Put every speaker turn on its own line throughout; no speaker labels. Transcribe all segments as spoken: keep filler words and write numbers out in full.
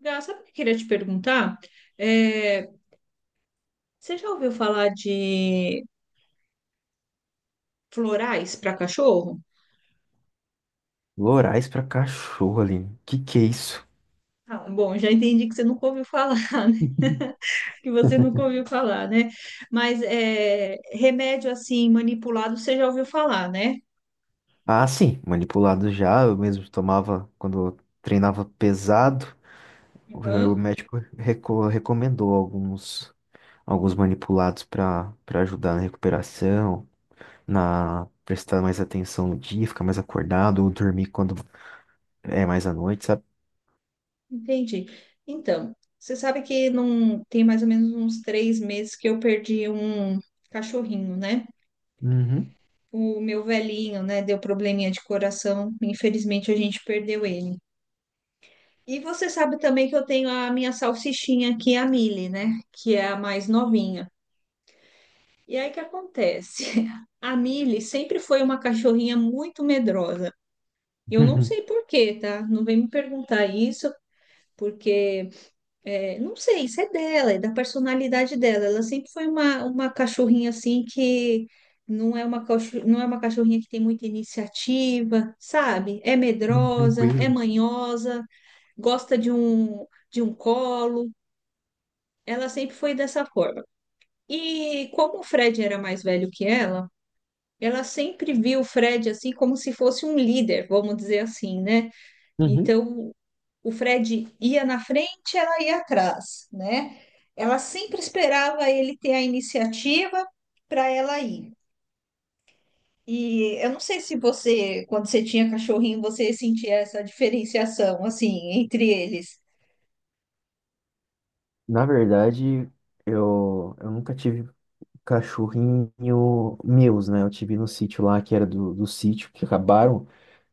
Gá, sabe o que eu queria te perguntar? É, Você já ouviu falar de florais para cachorro?
Lorais pra cachorro, Aline. Que que é isso?
Ah, bom, já entendi que você nunca ouviu falar, né? Que você nunca ouviu falar, né? Mas é, remédio assim manipulado você já ouviu falar, né?
Ah, sim, manipulado já. Eu mesmo tomava quando eu treinava pesado. O o
Aham,
médico reco- recomendou alguns, alguns manipulados para para ajudar na recuperação, na prestar mais atenção no dia, ficar mais acordado, ou dormir quando é mais à noite, sabe?
entendi. Então, você sabe que não tem mais ou menos uns três meses que eu perdi um cachorrinho, né?
Uhum.
O meu velhinho, né? Deu probleminha de coração. Infelizmente, a gente perdeu ele. E você sabe também que eu tenho a minha salsichinha aqui, a Mili, né? Que é a mais novinha. E aí o que acontece? A Mili sempre foi uma cachorrinha muito medrosa. Eu não sei por quê, tá? Não vem me perguntar isso, porque é, não sei, isso é dela, é da personalidade dela. Ela sempre foi uma, uma cachorrinha assim que não é uma, cachor- não é uma cachorrinha que tem muita iniciativa, sabe? É medrosa, é
Tranquilo.
manhosa, gosta de um, de um colo. Ela sempre foi dessa forma. E como o Fred era mais velho que ela, ela sempre viu o Fred assim como se fosse um líder, vamos dizer assim, né?
Uhum.
Então, o Fred ia na frente, ela ia atrás, né? Ela sempre esperava ele ter a iniciativa para ela ir. E eu não sei se você, quando você tinha cachorrinho, você sentia essa diferenciação assim entre eles.
Na verdade, eu, eu nunca tive cachorrinho meus, né? Eu tive no sítio lá, que era do, do sítio, que acabaram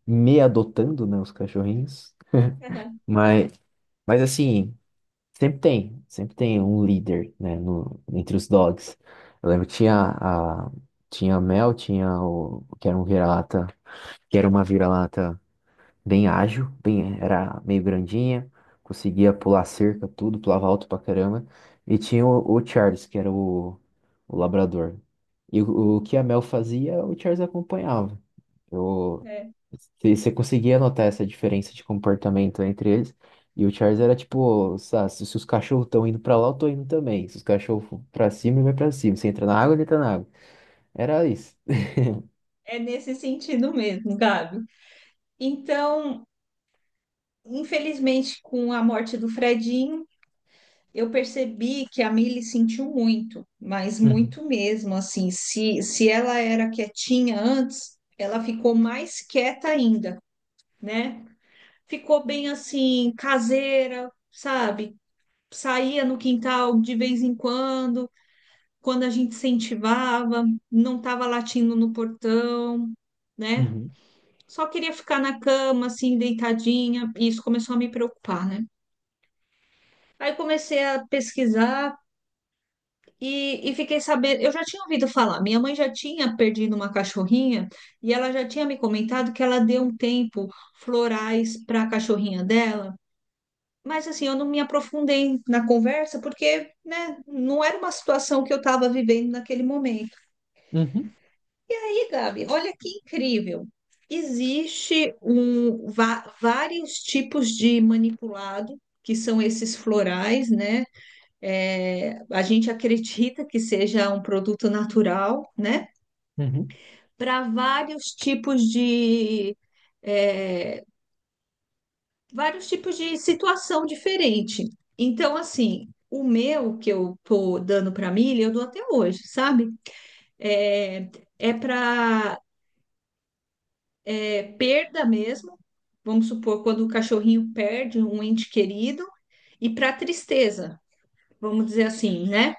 me adotando, né? Os cachorrinhos. Mas, mas assim, sempre tem, sempre tem um líder, né? No, entre os dogs. Eu lembro que tinha a, tinha a Mel, tinha o, que era um vira-lata, que era uma vira-lata bem ágil, bem, era meio grandinha, conseguia pular cerca, tudo, pulava alto pra caramba. E tinha o, o Charles, que era o, o labrador. E o, o que a Mel fazia, o Charles acompanhava. Eu,
É,
você você conseguia notar essa diferença de comportamento entre eles. E o Charles era tipo, sa- se se os cachorros estão indo pra lá, eu tô indo também. Se os cachorros for pra cima, ele vai pra cima. Se entra na água, ele entra na água. Era isso.
é nesse sentido mesmo, Gabi. Então, infelizmente, com a morte do Fredinho, eu percebi que a Milly sentiu muito, mas muito mesmo, assim, se, se ela era quietinha antes, ela ficou mais quieta ainda, né? Ficou bem assim, caseira, sabe? Saía no quintal de vez em quando, quando a gente incentivava, não estava latindo no portão,
Uhum,
né?
uhum,
Só queria ficar na cama, assim, deitadinha, e isso começou a me preocupar, né? Aí comecei a pesquisar e, e fiquei sabendo. Eu já tinha ouvido falar, minha mãe já tinha perdido uma cachorrinha e ela já tinha me comentado que ela deu um tempo florais para a cachorrinha dela. Mas assim, eu não me aprofundei na conversa porque, né, não era uma situação que eu estava vivendo naquele momento.
uhum,
E, Gabi, olha que incrível. Existe um, va- vários tipos de manipulado, que são esses florais, né? É, a gente acredita que seja um produto natural, né?
uhum,
Para vários tipos de é, vários tipos de situação diferente. Então, assim, o meu que eu tô dando para milho, eu dou até hoje, sabe? É, é para perda mesmo. Vamos supor quando o cachorrinho perde um ente querido e para tristeza, vamos dizer assim, né?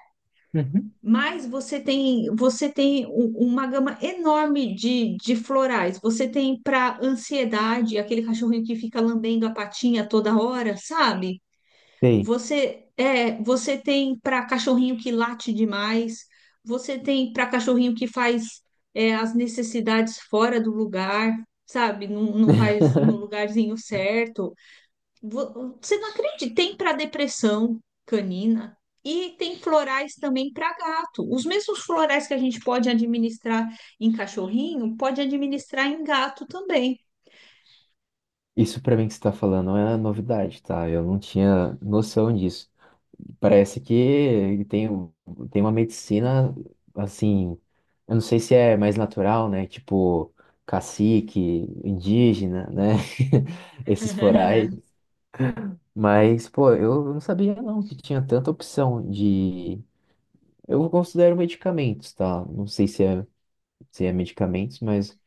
uhum.
Mas você tem, você tem u- uma gama enorme de, de florais. Você tem para ansiedade, aquele cachorrinho que fica lambendo a patinha toda hora, sabe?
Sim.
Você é, você tem para cachorrinho que late demais. Você tem para cachorrinho que faz é, as necessidades fora do lugar, sabe? Não, não faz no lugarzinho certo. vo- Você não acredita, tem para depressão canina e tem florais também para gato. Os mesmos florais que a gente pode administrar em cachorrinho, pode administrar em gato também.
Isso pra mim que você tá falando não é novidade, tá? Eu não tinha noção disso. Parece que tem, um, tem uma medicina, assim, eu não sei se é mais natural, né? Tipo, cacique, indígena, né? Esses florais. Mas, pô, eu não sabia não que tinha tanta opção de... Eu considero medicamentos, tá? Não sei se é, se é medicamentos, mas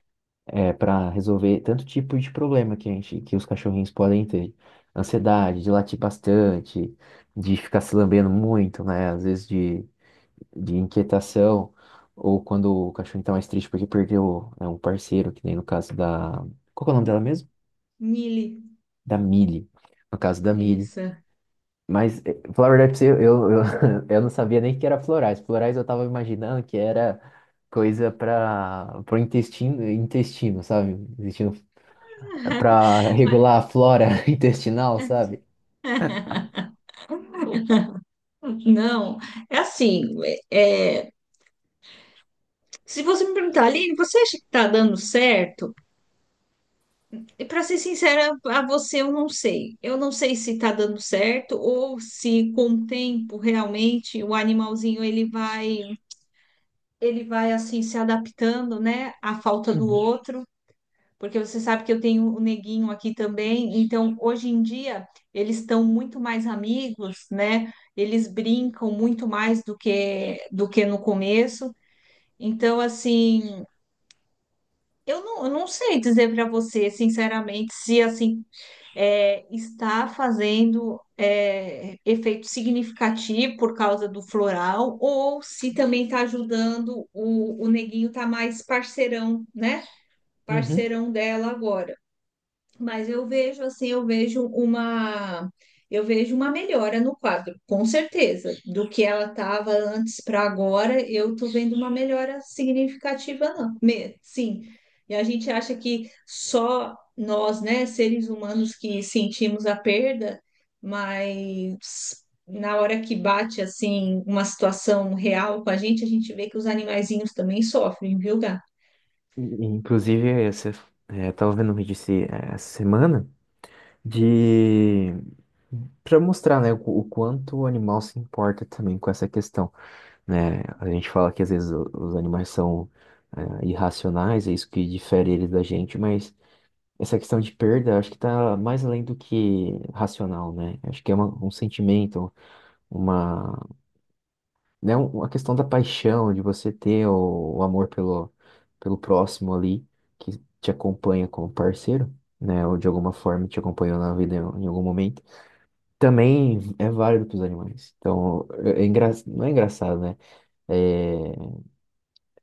é, para resolver tanto tipo de problema que a gente, que os cachorrinhos podem ter. Ansiedade, de latir bastante, de ficar se lambendo muito, né? Às vezes de, de inquietação, ou quando o cachorrinho tá mais triste porque perdeu, né, um parceiro, que nem no caso da. Qual que é o nome
Hum,
dela mesmo?
Mili,
Da Millie. No caso da
é
Millie.
isso.
Mas, eh, falar a verdade pra você, eu, eu, eu não sabia nem que era florais. Florais eu tava imaginando que era coisa para pro intestino, intestino, sabe? Intestino para
Mas...
regular a flora intestinal, sabe?
Não, é assim, é, se você me perguntar, Aline, você acha que está dando certo? E para ser sincera a você, eu não sei. Eu não sei se está dando certo ou se com o tempo realmente o animalzinho ele vai ele vai assim se adaptando, né, à falta do
Uhum.
outro, porque você sabe que eu tenho o neguinho aqui também. Então, hoje em dia eles estão muito mais amigos, né? Eles brincam muito mais do que do que no começo. Então, assim, eu não, eu não sei dizer para você, sinceramente, se assim é, está fazendo é, efeito significativo por causa do floral, ou se também está ajudando o, o neguinho tá mais parceirão, né?
Uhum.
Parceirão dela agora. Mas eu vejo assim, eu vejo uma eu vejo uma melhora no quadro, com certeza. Do que ela estava antes para agora, eu tô vendo uma melhora significativa, não. Me- sim. E a gente acha que só nós, né, seres humanos que sentimos a perda, mas na hora que bate assim uma situação real com a gente, a gente vê que os animaizinhos também sofrem, viu, Gá?
E- e, Inclusive, você, é, eu tava vendo um vídeo esse- eh, essa semana de para mostrar, né, o, qu- o quanto o animal se importa também com essa questão, né? A gente fala que às vezes o- os animais são é, irracionais, é isso que difere eles da gente, mas essa questão de perda, acho que está mais além do que racional, né? Acho que é uma- um sentimento, uma né, um- a questão da paixão, de você ter o, o amor pelo, pelo próximo ali, que te acompanha como parceiro, né, ou de alguma forma te acompanhou na vida em, em algum momento, também é válido para os animais. Então, é, é engra- não é engraçado, né? É,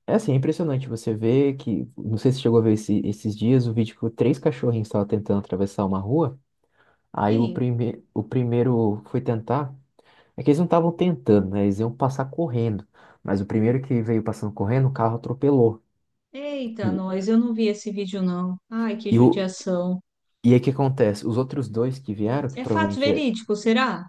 é assim, é impressionante você ver que, não sei se você chegou a ver esse- esses dias, o vídeo que três cachorrinhos estavam tentando atravessar uma rua, aí o,
Sim.
prime, o primeiro foi tentar. É que eles não estavam tentando, né? Eles iam passar correndo. Mas o primeiro que veio passando correndo, o carro atropelou.
Eita,
E,
nós, eu não vi esse vídeo, não. Ai, que
e, o,
judiação.
e aí o que acontece? Os outros dois que vieram, que
É fato
provavelmente é.
verídico, será?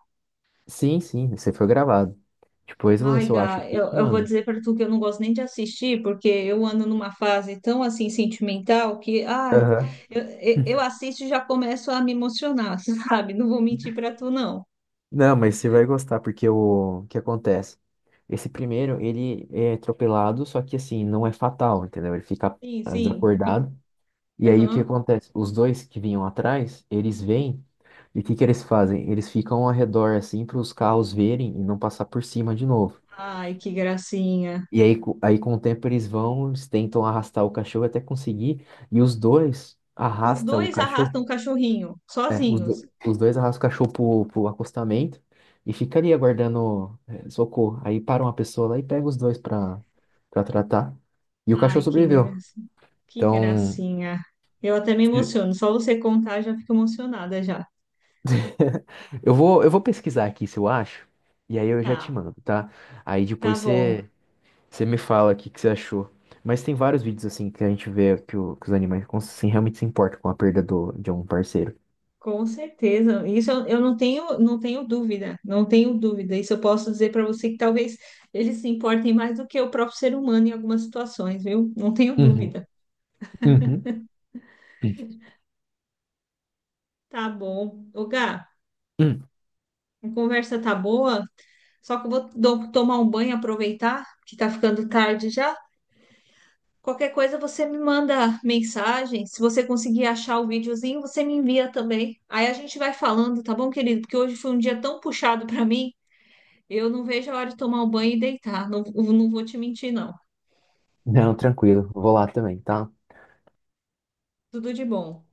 Sim, sim, você foi gravado. Depois eu vou ver
Ai,
se eu acho
Gá,
aqui e
eu,
te
eu vou
mando.
dizer pra tu que eu não gosto nem de assistir, porque eu ando numa fase tão, assim, sentimental que, ai,
Aham.
eu, eu eu assisto e já começo a me emocionar, sabe? Não vou mentir pra tu, não.
Não, mas você vai gostar, porque o, o que acontece? Esse primeiro, ele é atropelado, só que assim, não é fatal, entendeu? Ele fica
Sim,
ah,
sim. Fico...
desacordado. E aí o que
Aham.
acontece? Os dois que vinham atrás, eles vêm e o que que eles fazem? Eles ficam ao redor assim para os carros verem e não passar por cima de novo.
Ai, que gracinha.
E aí, co- aí com o tempo eles vão, eles tentam arrastar o cachorro até conseguir e os dois
Os
arrastam o
dois arrastam o
cachorro.
cachorrinho,
É, os,
sozinhos.
do- os dois arrastam o cachorro pro, pro acostamento e fica ali aguardando é, socorro. Aí para uma pessoa lá e pega os dois para para tratar. E o cachorro
Ai, que
sobreviveu.
gracinha. Que
Então,
gracinha. Eu até me emociono. Só você contar, já fico emocionada já.
Eu vou, eu vou pesquisar aqui se eu acho, e aí eu já te
Tá,
mando, tá? Aí
tá
depois
bom.
você, você me fala o que que você achou. Mas tem vários vídeos assim que a gente vê que, o- que os animais cons- assim, realmente se importam com a perda do, de um parceiro.
Com certeza. Isso eu, eu não tenho, não tenho dúvida. Não tenho dúvida. Isso eu posso dizer para você que talvez eles se importem mais do que o próprio ser humano em algumas situações, viu? Não tenho
Uhum,
dúvida.
uhum,
Tá bom. Ô, Gá,
uhum.
a conversa tá boa, só que eu vou do- tomar um banho, aproveitar que tá ficando tarde já. Qualquer coisa você me manda mensagem. Se você conseguir achar o videozinho, você me envia também. Aí a gente vai falando, tá bom, querido? Porque hoje foi um dia tão puxado pra mim. Eu não vejo a hora de tomar um banho e deitar. Não, não vou te mentir, não.
Não, tranquilo, vou lá também, tá?
Tudo de bom.